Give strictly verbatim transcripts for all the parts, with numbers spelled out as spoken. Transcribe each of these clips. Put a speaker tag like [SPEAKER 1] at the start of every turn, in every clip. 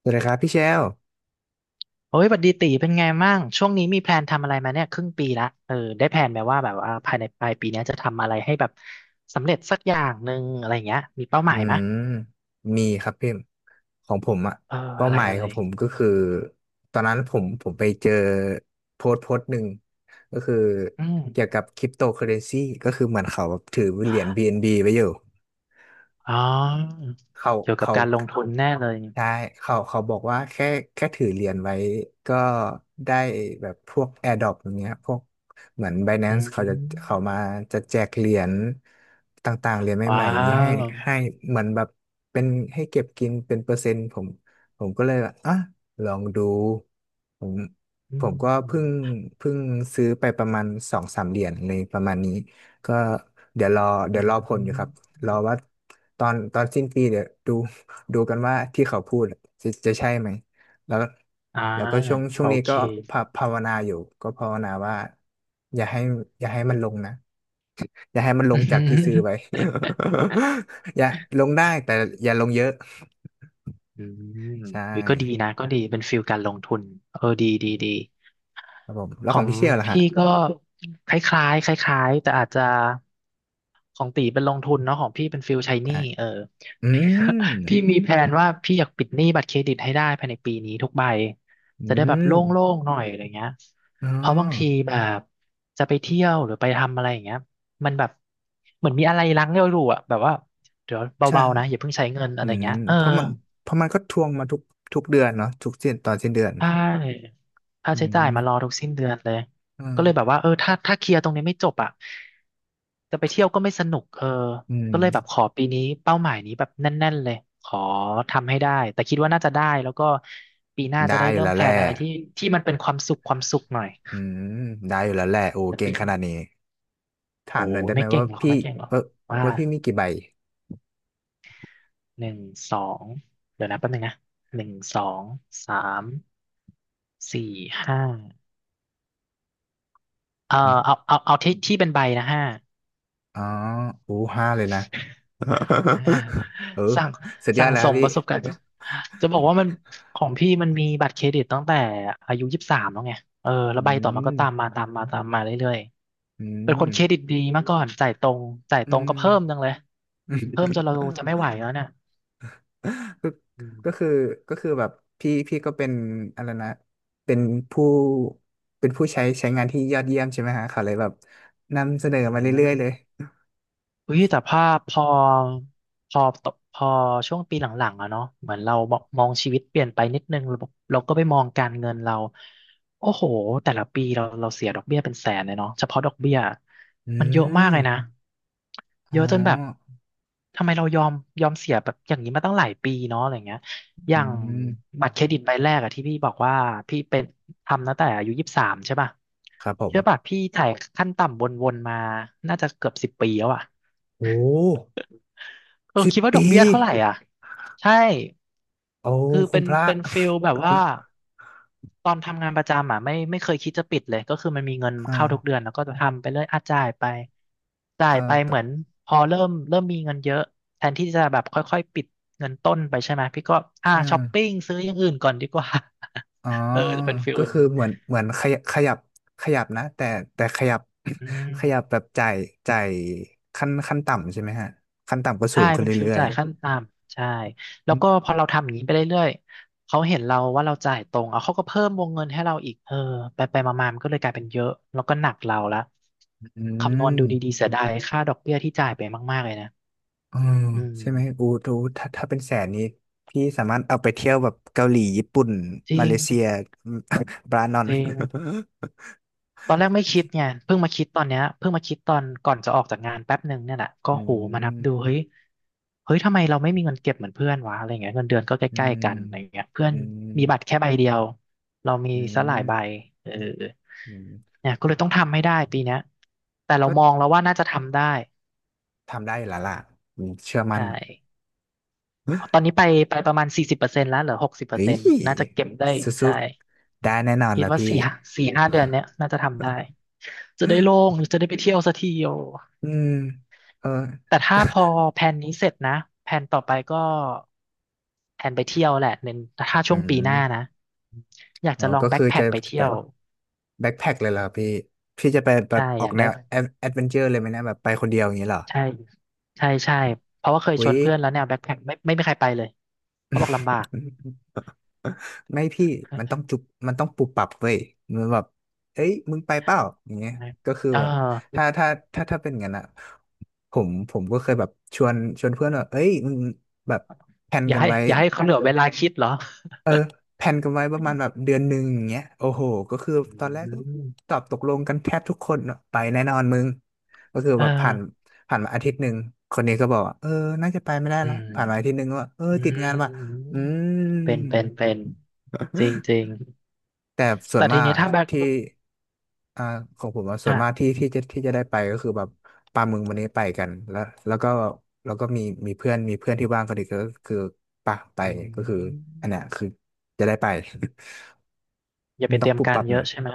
[SPEAKER 1] สวัสดีครับพี่เชล
[SPEAKER 2] โอ้ยบัดดีตีเป็นไงม้าง ช่วงนี้มีแพลนทำอะไรมาเนี่ยครึ่งปีละเออ ได้แพลนไหมว่าแบบว่าภายในปลายปีเนี้ยจะทำอะไรให้แบบสำเร็จสักอย่างหนึ่งอะไรเงี้ย มีเป้าห
[SPEAKER 1] อื
[SPEAKER 2] มายไหมะ
[SPEAKER 1] มมีครับพี่ ของผมอะ
[SPEAKER 2] เออ
[SPEAKER 1] เป้า
[SPEAKER 2] อะไร
[SPEAKER 1] หมาย
[SPEAKER 2] อะไร
[SPEAKER 1] ของผมก็คือ ตอนนั้นผมผมไปเจอโพสต์โพสต์หนึ่ง ก็คือ
[SPEAKER 2] อืม
[SPEAKER 1] เกี่ยวกับคริปโตเคอเรนซีก็คือเหมือนเขาแบบถือเหรียญ บี เอ็น บี ไว้อยู่
[SPEAKER 2] อ๋อ
[SPEAKER 1] เขา
[SPEAKER 2] เกี่ยวกับ
[SPEAKER 1] เขา
[SPEAKER 2] การลงทุนแน่เลย
[SPEAKER 1] ใช่เขาเขาบอกว่าแค่แค่ถือเหรียญไว้ก็ได้แบบพวก AirDrop อย่างเงี้ยพวกเหมือน
[SPEAKER 2] อื
[SPEAKER 1] Binance เขาจะเขา
[SPEAKER 2] ม
[SPEAKER 1] มาจะแจกเหรียญต่างๆเหรียญให
[SPEAKER 2] ว้า
[SPEAKER 1] ม่ๆอย่างนี้ให้ให้
[SPEAKER 2] ว
[SPEAKER 1] เหมือนแบบเป็นให้เก็บกินเป็นเปอร์เซ็นต์ผมผมก็เลยแบบอ่ะลองดูผม
[SPEAKER 2] อื
[SPEAKER 1] ผมก็เพิ่ง
[SPEAKER 2] ม
[SPEAKER 1] เพิ่งซื้อไปประมาณสองสามเหรียญเลยประมาณนี้ก็เดี๋ยวรอ
[SPEAKER 2] อื
[SPEAKER 1] เดี๋ยวรอผลอยู่ครับ
[SPEAKER 2] ม
[SPEAKER 1] รอว่าตอนตอนสิ้นปีเดี๋ยวดู ดูกันว่าที่เขาพูดอะจะจะใช่ไหมแล้ว
[SPEAKER 2] อ่า
[SPEAKER 1] แล้วก็ช่วงช่ว
[SPEAKER 2] โอ
[SPEAKER 1] งนี้
[SPEAKER 2] เค
[SPEAKER 1] ก็ภาภาวนาอยู่ก็ภาวนาว่าอย่าให้อย่าให้มันลงนะอย่าให้มันลงจากที่ซื้อ ไว้ อย่าลงได้แต่อย่าลงเยอะ
[SPEAKER 2] อืม
[SPEAKER 1] ใช่
[SPEAKER 2] เฮ้ยก็ดีนะก็ดีเป็นฟิลการลงทุนเออดีดีดี
[SPEAKER 1] ครับผมแล้
[SPEAKER 2] ข
[SPEAKER 1] ว
[SPEAKER 2] อ
[SPEAKER 1] ของ
[SPEAKER 2] ง
[SPEAKER 1] พี่เชี่ยวล่ะฮะ
[SPEAKER 2] พี่ก็คล้ายๆคล้ายๆแต่อาจจะของตีเป็นลงทุนเนาะของพี่เป็นฟิลใช้หนี้
[SPEAKER 1] ใช่
[SPEAKER 2] เออ
[SPEAKER 1] อื
[SPEAKER 2] พี่
[SPEAKER 1] ม
[SPEAKER 2] พี่มีแผนว่าพี่อยากปิดหนี้บัตรเครดิตให้ได้ภายในปีนี้ทุกใบ
[SPEAKER 1] อื
[SPEAKER 2] จะได้แบบโล
[SPEAKER 1] ม
[SPEAKER 2] ่งๆหน่อยอะไรเงี้ย
[SPEAKER 1] อ๋อ
[SPEAKER 2] เพราะบางทีแบบจะไปเที่ยวหรือไปทำอะไรอย่างเงี้ยมันแบบเหมือนมีอะไรรั้งเราอยู่อะแบบว่าเดี๋ยว
[SPEAKER 1] ใช่
[SPEAKER 2] เบาๆนะอย่าเพิ่งใช้เงินอะ
[SPEAKER 1] อื
[SPEAKER 2] ไร
[SPEAKER 1] ม
[SPEAKER 2] เงี้ยเออ
[SPEAKER 1] เพราะมันเพราะมันก็ทวงมาทุกทุกเดือนเนาะทุกสิ้นตอนสิ้นเดือน
[SPEAKER 2] ใช่ค่า
[SPEAKER 1] อื
[SPEAKER 2] ใช้จ่ายมารอ
[SPEAKER 1] ม
[SPEAKER 2] ทุกสิ้นเดือนเลย
[SPEAKER 1] อ่
[SPEAKER 2] ก็เลยแบบ
[SPEAKER 1] า
[SPEAKER 2] ว่าเออถ้าถ้าเคลียร์ตรงนี้ไม่จบอ่ะจะไปเที่ยวก็ไม่สนุกเออ
[SPEAKER 1] อืม
[SPEAKER 2] ก็เลยแบบขอปีนี้เป้าหมายนี้แบบแน่นๆเลยขอทำให้ได้ แต่คิดว่าน่าจะได้แล้วก็ปีหน้าจะ
[SPEAKER 1] ได้
[SPEAKER 2] ได้
[SPEAKER 1] อยู่
[SPEAKER 2] เริ่ม
[SPEAKER 1] แล้ว
[SPEAKER 2] แพล
[SPEAKER 1] แห
[SPEAKER 2] น
[SPEAKER 1] ละ
[SPEAKER 2] อะไรที่ที่มันเป็นความสุขความสุขหน่อย
[SPEAKER 1] อืมได้อยู่แล้วแหละโอ้
[SPEAKER 2] แต่
[SPEAKER 1] เก่ง
[SPEAKER 2] ปี
[SPEAKER 1] ขนาดนี้ถา
[SPEAKER 2] โอ้
[SPEAKER 1] มหน่อย
[SPEAKER 2] ย
[SPEAKER 1] ได้ไห
[SPEAKER 2] ไม่
[SPEAKER 1] ม
[SPEAKER 2] เก่
[SPEAKER 1] ว่า
[SPEAKER 2] งหรอก
[SPEAKER 1] พี่
[SPEAKER 2] ไม่เก่งหรอก
[SPEAKER 1] เออ
[SPEAKER 2] ว่า
[SPEAKER 1] ว่าพี่มีกี่ใบ
[SPEAKER 2] หนึ่งสองเดี๋ยวนะแป๊บนึงนะหนึ่งสองสามสี่ห้าเออ
[SPEAKER 1] อื
[SPEAKER 2] เอา
[SPEAKER 1] ม
[SPEAKER 2] เอาเอาที่ที่เป็นใบนะห้า
[SPEAKER 1] อ๋อโอ้ห้าเลยนะ
[SPEAKER 2] อ่า
[SPEAKER 1] เออ
[SPEAKER 2] สั่ง
[SPEAKER 1] สุดยอ
[SPEAKER 2] สั่
[SPEAKER 1] ด
[SPEAKER 2] ง
[SPEAKER 1] แล้ว
[SPEAKER 2] ส
[SPEAKER 1] ครับ
[SPEAKER 2] ม
[SPEAKER 1] พี่
[SPEAKER 2] ประสบการณ์จะบอกว่ามันของพี่มันมีบัตรเครดิตตั้งแต่อายุยี่สิบสามแล้วไงเออแล้ว
[SPEAKER 1] อื
[SPEAKER 2] ใบต่อมาก็ตาม
[SPEAKER 1] ม
[SPEAKER 2] มาตามมาตามมาเรื่อย
[SPEAKER 1] อื
[SPEAKER 2] ๆเป็นค
[SPEAKER 1] ม
[SPEAKER 2] นเครดิตดีมาก่อนจ่ายตรงจ่าย
[SPEAKER 1] อื
[SPEAKER 2] ตรงก็
[SPEAKER 1] ม
[SPEAKER 2] เพิ่มจังเลยเพิ่มจน เราจะไม่ไหวแล้วเนี่ย
[SPEAKER 1] ก็
[SPEAKER 2] อื
[SPEAKER 1] ก็
[SPEAKER 2] ม
[SPEAKER 1] คือก็คือแบบพี่พี่ก็เป็นอะไรนะเป็นผู้เป็นผู้ใช้ใช้งานที่ยอดเยี่ยมใช่ไหมฮะเขาเลยแบบนำเสนอ
[SPEAKER 2] อื
[SPEAKER 1] มาเรื่อยๆเลย
[SPEAKER 2] ม เฮ้ยแต่ภาพพอพอตกพอช่วงปีหลังๆอะเนาะเหมือนเรามองชีวิตเปลี่ยนไปนิดนึงเราบอกเราก็ไปมองการเงินเราโอ้โหแต่ละปีเราเราเสียดอกเบี้ยเป็นแสนเลยเนาะเฉพาะดอกเบี้ย
[SPEAKER 1] อื
[SPEAKER 2] มันเยอะมาก
[SPEAKER 1] ม
[SPEAKER 2] เลยนะเย
[SPEAKER 1] อ๋อ
[SPEAKER 2] อะจนแบบทำไมเรายอมยอมเสียแบบอย่างนี้มาตั้งหลายปีเนาะอะไรเงี้ยอ
[SPEAKER 1] อื
[SPEAKER 2] ย่าง
[SPEAKER 1] ม
[SPEAKER 2] บัตรเครดิตใบแรกอะที่พี่บอกว่าพี่เป็นทำตั้งแต่อายุยี่สิบสามใช่ป่ะ
[SPEAKER 1] ครับผ
[SPEAKER 2] เชื่อป่ะ
[SPEAKER 1] ม
[SPEAKER 2] พี่ถ่ายขั้นต่ำวนๆมาน่าจะเกือบสิบปีแล้วอะ
[SPEAKER 1] โอ้
[SPEAKER 2] เออ
[SPEAKER 1] สิบ
[SPEAKER 2] คิดว่าด
[SPEAKER 1] ปี
[SPEAKER 2] อกเบี้ยเท่าไหร่อ่ะใช่
[SPEAKER 1] โอ้
[SPEAKER 2] คือ
[SPEAKER 1] คุ
[SPEAKER 2] เป็
[SPEAKER 1] ณ
[SPEAKER 2] น
[SPEAKER 1] พระ
[SPEAKER 2] เป็นฟิลแบบว่าตอนทำงานประจำอ่ะไม่ไม่เคยคิดจะปิดเลยก็คือมันมีเงิน
[SPEAKER 1] อ่า
[SPEAKER 2] เข้าทุกเดือนแล้วก็จะทำไปเรื่อยอ่ะจ่ายไปจ่า
[SPEAKER 1] เออ
[SPEAKER 2] ยไป
[SPEAKER 1] แต่
[SPEAKER 2] เหมือนพอเริ่มเริ่มมีเงินเยอะแทนที่จะแบบค่อยๆปิดเงินต้นไปใช่ไหมพี่ก็อ่า
[SPEAKER 1] ใช่
[SPEAKER 2] ช้อปปิ้งซื้ออย่างอื่นก่อนดีกว่า
[SPEAKER 1] อ๋อ
[SPEAKER 2] เออจะเป็นฟิล
[SPEAKER 1] ก็
[SPEAKER 2] อย่าง
[SPEAKER 1] คือ
[SPEAKER 2] นี้
[SPEAKER 1] เหมือนเหมือนขยับขยับขยับนะแต่แต่ขยับ
[SPEAKER 2] อื ม
[SPEAKER 1] ขยับแบบจ่ายจ่ายขั้นขั้นต่ำใช่ไหมฮะขั้นต่ำก็สู
[SPEAKER 2] ใช่
[SPEAKER 1] งขึ้น
[SPEAKER 2] เป็นฟิว
[SPEAKER 1] เรื่อย
[SPEAKER 2] จ่ายขั้นต่ำใช่
[SPEAKER 1] ๆ
[SPEAKER 2] แล้
[SPEAKER 1] อ
[SPEAKER 2] วก็พอเราทำอย่างนี้ไปเรื่อยๆเขาเห็นเราว่าเราจ่ายตรงเอาเขาก็เพิ่มวงเงินให้เราอีกเออไปไปมาๆมันก็เลยกลายเป็นเยอะแล้วก็หนักเราละ
[SPEAKER 1] ื
[SPEAKER 2] คำนวณดูดี
[SPEAKER 1] ม
[SPEAKER 2] ๆเสียดายค่าดอกเบี้ยที่จ่ายไปมากๆเลยนะ
[SPEAKER 1] เออ
[SPEAKER 2] อืม
[SPEAKER 1] ใช่ไหมอูดูถ้าถ้าเป็นแสนนี้พี่สามารถเอาไปเที่ยวแบบเกาหลีญี่ปุ่น
[SPEAKER 2] จ
[SPEAKER 1] มา
[SPEAKER 2] ริ
[SPEAKER 1] เล
[SPEAKER 2] ง
[SPEAKER 1] เซีย บรานอน
[SPEAKER 2] จริง ตอนแรกไม่คิดไงเพิ่งมาคิดตอนเนี้ยเพิ่งมาคิดตอนก่อนจะออกจากงานแป๊บหนึ่งเนี่ยแหละก็
[SPEAKER 1] อื
[SPEAKER 2] โหมานับดู
[SPEAKER 1] ม
[SPEAKER 2] เฮ้ยเฮ้ยทำไมเราไม่มีเงินเก็บเหมือนเพื่อนวะอะไรเงี้ยเงินเดือนก็ใก
[SPEAKER 1] อื
[SPEAKER 2] ล้ๆ
[SPEAKER 1] ม
[SPEAKER 2] กันอะไรเงี้ยเพื่อน
[SPEAKER 1] อืม
[SPEAKER 2] มีบัตรแค่ใบเดียวเรามี
[SPEAKER 1] อื
[SPEAKER 2] ซะหลายใบ
[SPEAKER 1] ม
[SPEAKER 2] เออ
[SPEAKER 1] อืม
[SPEAKER 2] เนี่ยก็เลยต้องทำให้ได้ปีเนี้ยแต่เรา
[SPEAKER 1] ก็
[SPEAKER 2] มองแล้วว่าน่าจะทำได้
[SPEAKER 1] ทำได้อยู่แล้วล่ะอืมเชื่อมั่น
[SPEAKER 2] ใช่ตอนนี้ไปไปประมาณสี่สิบเปอร์เซ็นต์แล้วเหลือหกสิบเปอร์
[SPEAKER 1] เฮ้
[SPEAKER 2] เซ็
[SPEAKER 1] ย
[SPEAKER 2] นต์น่าจะเก็บได้
[SPEAKER 1] สู้
[SPEAKER 2] ใช่
[SPEAKER 1] ๆได้แน่นอน
[SPEAKER 2] คิด
[SPEAKER 1] นะ
[SPEAKER 2] ว่า
[SPEAKER 1] พี่
[SPEAKER 2] สี่สี่ห้าเดือนเนี้ยน่าจะทำได้จะได้โล่ งจะได้ไปเที่ยวสักทีโอ
[SPEAKER 1] อืมเออ
[SPEAKER 2] แต่ถ้าพอแผนนี้เสร็จนะแผนต่อไปก็แผนไปเที่ยวแหละเน้นถ้า
[SPEAKER 1] อื
[SPEAKER 2] ช่วงปีหน้า
[SPEAKER 1] ม
[SPEAKER 2] นะอยาก
[SPEAKER 1] อ๋อ
[SPEAKER 2] จะลอง
[SPEAKER 1] ก็
[SPEAKER 2] แบ็
[SPEAKER 1] คื
[SPEAKER 2] ค
[SPEAKER 1] อ
[SPEAKER 2] แพ็
[SPEAKER 1] จะ
[SPEAKER 2] คไป
[SPEAKER 1] จะ
[SPEAKER 2] เที่
[SPEAKER 1] ไป
[SPEAKER 2] ยว
[SPEAKER 1] แบ็คแพ็คเลยเหรอพี่พี่จะไปแบ
[SPEAKER 2] ใช่
[SPEAKER 1] บอ
[SPEAKER 2] อ
[SPEAKER 1] อก
[SPEAKER 2] ยาก
[SPEAKER 1] แน
[SPEAKER 2] ได้
[SPEAKER 1] ว
[SPEAKER 2] ไป
[SPEAKER 1] แอดเวนเจอร์เลยไหมเนะแบบไปคนเดียวอย่างนี้เหรอ
[SPEAKER 2] ใช่ใช่ใช่เพราะว่าเคย
[SPEAKER 1] อุ้
[SPEAKER 2] ชว
[SPEAKER 1] ย
[SPEAKER 2] นเพื่อนแล้วแนวแบ็คแพ็คไม่ไม่มีใครไปเลยเขาบอกลำบาก
[SPEAKER 1] ไม่พี่มันต้องจุบมันต้องปรับปรับเว้ยมันแบบเอ้ยมึงไปเปล่าอย่างเงี้ยก็คือ
[SPEAKER 2] เอ
[SPEAKER 1] แบบ
[SPEAKER 2] อ
[SPEAKER 1] ถ้าถ้าถ้าถ้าเป็นงั้นอะผมผมก็เคยแบบชวนชวนเพื่อนว่าเอ้ยมึงแบบแพลน
[SPEAKER 2] อย่า
[SPEAKER 1] กัน
[SPEAKER 2] ให้
[SPEAKER 1] ไว้
[SPEAKER 2] อย่าให้เขาเหลือเวลาคิดเหรอ
[SPEAKER 1] เออแพลนกันไว้ประมาณแบบเดือนหนึ่งอย่างเงี้ยโอ้โหก็คือ
[SPEAKER 2] อื
[SPEAKER 1] ตอนแรกก็
[SPEAKER 2] ม
[SPEAKER 1] ตอบตกลงกันแทบทุกคนอะไปแน่นอนมึงก็คือ
[SPEAKER 2] เอ
[SPEAKER 1] แบบผ่าน
[SPEAKER 2] อ
[SPEAKER 1] ผ่านมาอาทิตย์หนึ่งคนนี้ก็บอกว่าเออน่าจะไปไม่ได้
[SPEAKER 2] อื
[SPEAKER 1] ละ
[SPEAKER 2] ม
[SPEAKER 1] ผ่านมาอาทิตย์หนึ่งก็ว่าเออ
[SPEAKER 2] อื
[SPEAKER 1] ติดงานว่ะ
[SPEAKER 2] ม
[SPEAKER 1] อืม
[SPEAKER 2] เป็นเป็นเป็นจริงจริง
[SPEAKER 1] แต่ส่ว
[SPEAKER 2] แต่
[SPEAKER 1] น
[SPEAKER 2] ที
[SPEAKER 1] มา
[SPEAKER 2] นี้
[SPEAKER 1] ก
[SPEAKER 2] ถ้าแบ็ค
[SPEAKER 1] ที่อ่าของผมอะส่ว
[SPEAKER 2] อ่ะ
[SPEAKER 1] นมากที่ที่จะที่จะได้ไปก็คือแบบปลาหมึกวันนี้ไปกันแล้วแล้วก็แล้วก็มีมีเพื่อนมีเพื่อนที่ว่างกนอีกก็คือปะไป
[SPEAKER 2] อื
[SPEAKER 1] ก็คือ
[SPEAKER 2] ม
[SPEAKER 1] อันเนี้ยคือจะได้ไป
[SPEAKER 2] อ ย่า
[SPEAKER 1] มั
[SPEAKER 2] ไป
[SPEAKER 1] น
[SPEAKER 2] เต
[SPEAKER 1] ต้อ
[SPEAKER 2] รี
[SPEAKER 1] ง
[SPEAKER 2] ย
[SPEAKER 1] ป
[SPEAKER 2] ม
[SPEAKER 1] รับ
[SPEAKER 2] กา
[SPEAKER 1] ป
[SPEAKER 2] ร
[SPEAKER 1] รับ
[SPEAKER 2] เย
[SPEAKER 1] หน่อ
[SPEAKER 2] อะ
[SPEAKER 1] ย
[SPEAKER 2] ใช่ไหม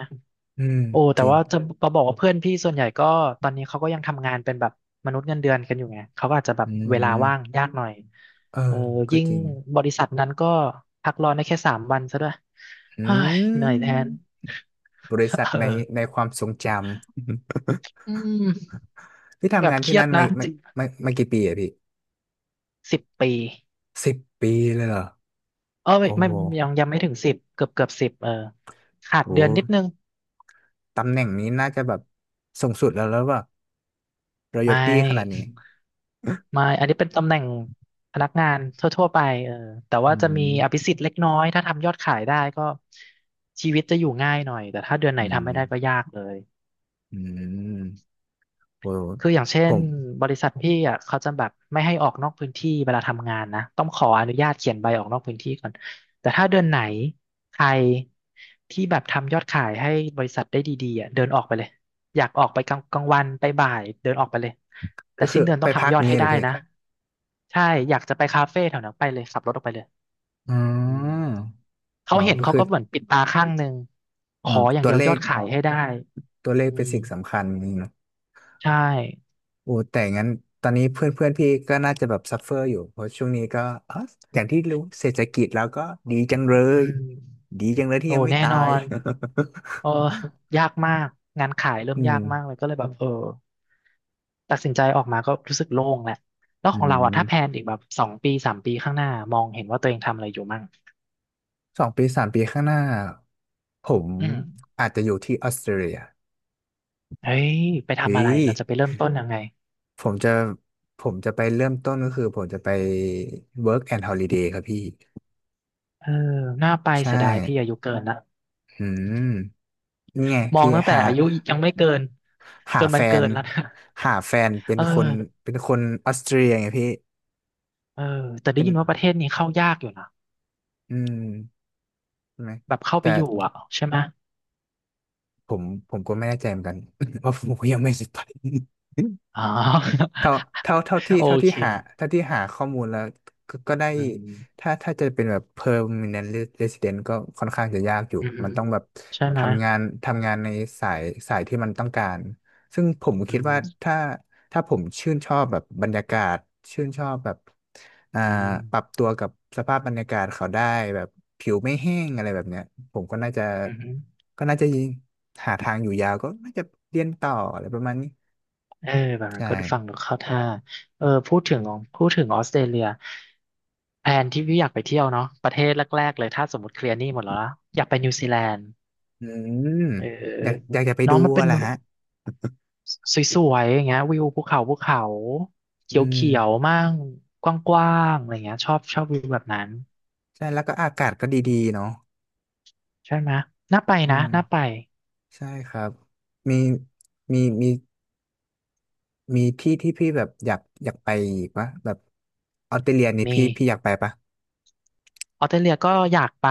[SPEAKER 1] อืม
[SPEAKER 2] โอ้
[SPEAKER 1] จ
[SPEAKER 2] แต่
[SPEAKER 1] ริง
[SPEAKER 2] ว่าจะก็บอกว่าเพื่อนพี่ส่วนใหญ่ก็ตอนนี้เขาก็ยังทำงานเป็นแบบมนุษย์เงินเดือนกันอยู่ไง เขาก็อาจจะแบบ
[SPEAKER 1] อื
[SPEAKER 2] เวลาว่าง
[SPEAKER 1] ม
[SPEAKER 2] ยากหน่อย
[SPEAKER 1] เออ
[SPEAKER 2] เออ
[SPEAKER 1] ก็
[SPEAKER 2] ยิ่ง
[SPEAKER 1] จริง
[SPEAKER 2] บริษัทนั้นก็พักร้อนได้แค่สามวันซะด้วย
[SPEAKER 1] อื
[SPEAKER 2] เฮ้ย
[SPEAKER 1] ม
[SPEAKER 2] เหนื่อยแทน
[SPEAKER 1] บริษั
[SPEAKER 2] เ
[SPEAKER 1] ทในใน
[SPEAKER 2] ออ
[SPEAKER 1] ความทรงจำ
[SPEAKER 2] อืม
[SPEAKER 1] พี่
[SPEAKER 2] แบ
[SPEAKER 1] ทำ
[SPEAKER 2] บ
[SPEAKER 1] งาน
[SPEAKER 2] เค
[SPEAKER 1] ที่
[SPEAKER 2] รีย
[SPEAKER 1] นั่
[SPEAKER 2] ด
[SPEAKER 1] นมา
[SPEAKER 2] นะ
[SPEAKER 1] มา
[SPEAKER 2] สิบ
[SPEAKER 1] มามากี่ปีอะพี่
[SPEAKER 2] สิบปี
[SPEAKER 1] สิบปีเลยเหรอ
[SPEAKER 2] เออไม่
[SPEAKER 1] โอ้
[SPEAKER 2] ไม่
[SPEAKER 1] โห
[SPEAKER 2] ยังยังไม่ถึงสิบเกือบเกือบสิบเออขาด
[SPEAKER 1] โอ้
[SPEAKER 2] เดือนนิดนึง
[SPEAKER 1] ตำแหน่งนี้น่าจะแบบสูงสุดแล้วแล้วแบบรอ
[SPEAKER 2] ไม่
[SPEAKER 1] ยัลตี้ขนาดนี้
[SPEAKER 2] ไม่อันนี้เป็นตำแหน่งพนักงานทั่วๆไปเออแต่
[SPEAKER 1] อื
[SPEAKER 2] ว่าจะมีอภิ
[SPEAKER 1] ม
[SPEAKER 2] สิทธิ์เล็กน้อยถ้าทำยอดขายได้ก็ชีวิตจะอยู่ง่ายหน่อย แต่ถ้าเดือนไหน
[SPEAKER 1] อืม
[SPEAKER 2] ทำไม่ได้ก็ยากเลย
[SPEAKER 1] อืมโอ้
[SPEAKER 2] คืออย่างเช่
[SPEAKER 1] ผ
[SPEAKER 2] น
[SPEAKER 1] ม
[SPEAKER 2] บริษัทพี่อ่ะเขาจะแบบไม่ให้ออกนอกพื้นที่เวลาทำงานนะต้องขออนุญาตเขียนใบออกนอกพื้นที่ก่อนแต่ถ้าเดือนไหนใครที่แบบทำยอดขายให้บริษัทได้ดีๆอ่ะเดินออกไปเลยอยากออกไปกลางกลางวันไปบ่ายเดินออกไปเลยแต่
[SPEAKER 1] ก็คื
[SPEAKER 2] สิ้
[SPEAKER 1] อ
[SPEAKER 2] นเดือนต้
[SPEAKER 1] ไป
[SPEAKER 2] อง
[SPEAKER 1] พั
[SPEAKER 2] ทำ
[SPEAKER 1] ก
[SPEAKER 2] ยอดให้
[SPEAKER 1] เงี้ยเหร
[SPEAKER 2] ได้
[SPEAKER 1] อพี่
[SPEAKER 2] นะใช่อยากจะไปคาเฟ่แถวนั้นไปเลยขับรถออกไปเลย
[SPEAKER 1] อื
[SPEAKER 2] อืม
[SPEAKER 1] มอ๋
[SPEAKER 2] เขา
[SPEAKER 1] อ
[SPEAKER 2] เห็น
[SPEAKER 1] ก็
[SPEAKER 2] เขา
[SPEAKER 1] คือ
[SPEAKER 2] ก็เหมือนปิดตาข้างหนึ่งข
[SPEAKER 1] อ่า
[SPEAKER 2] ออย่าง
[SPEAKER 1] ตั
[SPEAKER 2] เดี
[SPEAKER 1] ว
[SPEAKER 2] ยว
[SPEAKER 1] เล
[SPEAKER 2] ยอ
[SPEAKER 1] ข
[SPEAKER 2] ดขายให้ได้
[SPEAKER 1] ตัวเลข
[SPEAKER 2] อื
[SPEAKER 1] เป็น
[SPEAKER 2] ม
[SPEAKER 1] สิ่งสำคัญนี่เนาะ
[SPEAKER 2] ใช่
[SPEAKER 1] โอ้แต่งั้นตอนนี้เพื่อนเพื่อนพี่ก็น่าจะแบบซัฟเฟอร์อยู่เพราะช่วงนี้ก็อ๋ออย่างที่รู้เศรษฐกิจแล้วก็ดีจังเล
[SPEAKER 2] อื
[SPEAKER 1] ย
[SPEAKER 2] ม
[SPEAKER 1] ดีจังเลยที่
[SPEAKER 2] โอ้
[SPEAKER 1] ยังไม่
[SPEAKER 2] แน่
[SPEAKER 1] ตา
[SPEAKER 2] นอ
[SPEAKER 1] ย
[SPEAKER 2] น เออยากมากงานขาย เริ่ม
[SPEAKER 1] อื
[SPEAKER 2] ยา
[SPEAKER 1] ม
[SPEAKER 2] กมากเลยก็เลยแบบเออตัดสินใจออกมาก็รู้สึกโล่งแหละแล้ว
[SPEAKER 1] อื
[SPEAKER 2] ของเราอะถ้าแพล
[SPEAKER 1] ม
[SPEAKER 2] นอีกแบบสองปีสามปีข้างหน้ามองเห็นว่าตัวเองทำอะไรอยู่มั่ง
[SPEAKER 1] สองปีสามปีข้างหน้า ผม
[SPEAKER 2] อืม
[SPEAKER 1] อาจจะอยู่ที่ออสเตรเลีย
[SPEAKER 2] เฮ้ยไป
[SPEAKER 1] เฮ้
[SPEAKER 2] ทำอะไร
[SPEAKER 1] ย
[SPEAKER 2] เราจะไปเริ่มต้นยังไง
[SPEAKER 1] ผมจะผมจะไปเริ่มต้นก็คือผมจะไป work and holiday ครับพี่
[SPEAKER 2] เออน่าไป
[SPEAKER 1] ใช่
[SPEAKER 2] เสียดายพี่อายุเกินนะ
[SPEAKER 1] อืมนี่ไง
[SPEAKER 2] มอง
[SPEAKER 1] พี่
[SPEAKER 2] ตั้งแต่
[SPEAKER 1] หา
[SPEAKER 2] อายุยังไม่เกิน
[SPEAKER 1] หา
[SPEAKER 2] จน
[SPEAKER 1] แฟ
[SPEAKER 2] มันเกิ
[SPEAKER 1] น
[SPEAKER 2] นแล้วนะ
[SPEAKER 1] หาแฟนเป็น
[SPEAKER 2] เอ
[SPEAKER 1] คน
[SPEAKER 2] อ
[SPEAKER 1] เป็นคนออสเตรเลียไงพี่
[SPEAKER 2] เออแต่ได้
[SPEAKER 1] เป็น
[SPEAKER 2] ยินว่าประเทศนี้เข้ายากอยู่นะ
[SPEAKER 1] อืมใช่ไหม
[SPEAKER 2] แบบเข้าไป
[SPEAKER 1] แต่
[SPEAKER 2] อยู่อะใช่ไหม
[SPEAKER 1] ผมผมก็ไม่แน่ใจเหมือนกัน ว่าผมก็ยังไม่ได้ไป
[SPEAKER 2] อ๋อ
[SPEAKER 1] เท่าเท่าเท่าที่
[SPEAKER 2] โอ
[SPEAKER 1] เท่าที่
[SPEAKER 2] เค
[SPEAKER 1] หาเท่าที่หาข้อมูลแล้วก็ก็ได้
[SPEAKER 2] อืม
[SPEAKER 1] ถ้าถ้าจะเป็นแบบ permanent resident ก็ค่อนข้างจะยากอยู่
[SPEAKER 2] อือฮึ
[SPEAKER 1] มันต้องแบบ
[SPEAKER 2] ใช่ไหม
[SPEAKER 1] ทำงานทำงานในสายสายที่มันต้องการซึ่งผม
[SPEAKER 2] อื
[SPEAKER 1] คิดว่า
[SPEAKER 2] ม
[SPEAKER 1] ถ้าถ้าผมชื่นชอบแบบบรรยากาศชื่นชอบแบบอ่า
[SPEAKER 2] อื
[SPEAKER 1] ปรับ
[SPEAKER 2] ม
[SPEAKER 1] ตัวกับสภาพบรรยากาศเขาได้แบบผิวไม่แห้งอะไรแบบเนี้ยผมก็น่าจะ
[SPEAKER 2] อือฮึ
[SPEAKER 1] ก็น่าจะหาทางอยู่ยาวก็น่าจะเรียนต่ออะไรประมาณนี้
[SPEAKER 2] เออแบบนั้น
[SPEAKER 1] ใช่
[SPEAKER 2] ก็ฟังดูเข้าท่าเออพูดถึงของพูดถึงออสเตรเลียแผนที่พี่อยากไปเที่ยวเนาะประเทศแรกๆเลยถ้าสมมติเคลียร์หนี้หมดแล้วนะอยากไปนิวซีแลนด์
[SPEAKER 1] อืม
[SPEAKER 2] เ
[SPEAKER 1] อยาก
[SPEAKER 2] ออ
[SPEAKER 1] อยากจะไป
[SPEAKER 2] น้
[SPEAKER 1] ดู
[SPEAKER 2] องมันเป็
[SPEAKER 1] อะ
[SPEAKER 2] น
[SPEAKER 1] แหละฮะ
[SPEAKER 2] สวยๆอย่างเงี้ยวิวภูเขาภูเขาเ
[SPEAKER 1] อื
[SPEAKER 2] ขียว
[SPEAKER 1] ม
[SPEAKER 2] ๆมั่งกว้างๆอะไรเงี้ยชอบชอบวิวแบบนั้น
[SPEAKER 1] ใช่แล้วก็อากาศก็ดีๆเนาะ
[SPEAKER 2] ใช่ไหมน่าไป
[SPEAKER 1] อื
[SPEAKER 2] นะ
[SPEAKER 1] ม
[SPEAKER 2] น่าไป
[SPEAKER 1] ใช่ครับมีมีมีมีที่ที่พี่แบบอยากอยากไปอีกปะแบบออสเตรเลียนี่
[SPEAKER 2] มี
[SPEAKER 1] พี่พี่อยากไปปะ
[SPEAKER 2] ออสเตรเลียก็อยากไป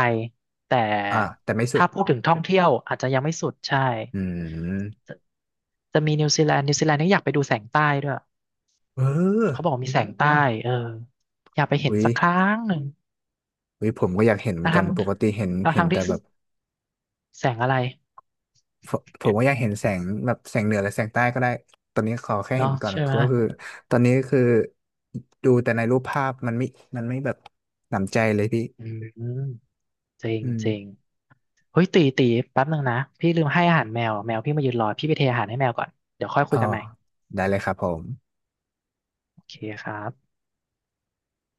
[SPEAKER 2] แต่
[SPEAKER 1] อ่าแต่ไม่สุด
[SPEAKER 2] ถ้าพูดถึงท่องเที่ยวอาจจะยังไม่สุดใช่
[SPEAKER 1] อืม
[SPEAKER 2] จะจะมีนิวซีแลนด์นิวซีแลนด์นี่อยากไปดูแสงใต้ด้วย
[SPEAKER 1] เ
[SPEAKER 2] เขาบ
[SPEAKER 1] อ
[SPEAKER 2] อ
[SPEAKER 1] อ
[SPEAKER 2] กว่ามีแสงใต้เอออยากไปเห็น
[SPEAKER 1] วิ
[SPEAKER 2] สักครั้งหนึ่ง
[SPEAKER 1] วิผมก็อยากเห็นเหมือ
[SPEAKER 2] ทั้
[SPEAKER 1] น
[SPEAKER 2] ง
[SPEAKER 1] กัน
[SPEAKER 2] ทั้ง
[SPEAKER 1] ปกติเห็นเห็น
[SPEAKER 2] ทั้ง
[SPEAKER 1] แต่
[SPEAKER 2] ที่
[SPEAKER 1] แบบ
[SPEAKER 2] แสงอะไร
[SPEAKER 1] ผมผมว่าอยากเห็นแสงแบบแสงเหนือหรือแสงใต้ก็ได้ ตอนนี้ขอแค่เห็น
[SPEAKER 2] เนาะ
[SPEAKER 1] ก่อน
[SPEAKER 2] ใช่ไหม
[SPEAKER 1] ก็คือตอนนี้คือดูแต่ในรูปภาพมันไม่มันไม่แบบหนำใจเลยพี่
[SPEAKER 2] อืมจริง
[SPEAKER 1] อืม
[SPEAKER 2] จริงเฮ้ยตีตีแป๊บหนึ่งนะพี่ลืมให้อาหารแมวแมวพี่มายืนรอพี่ไปเทอาหารให้แมวก่อนเดี๋ยวค่อยคุ
[SPEAKER 1] อ๋อ
[SPEAKER 2] ยกันใหม่
[SPEAKER 1] ได้เลยครับผม
[SPEAKER 2] โอเคครับ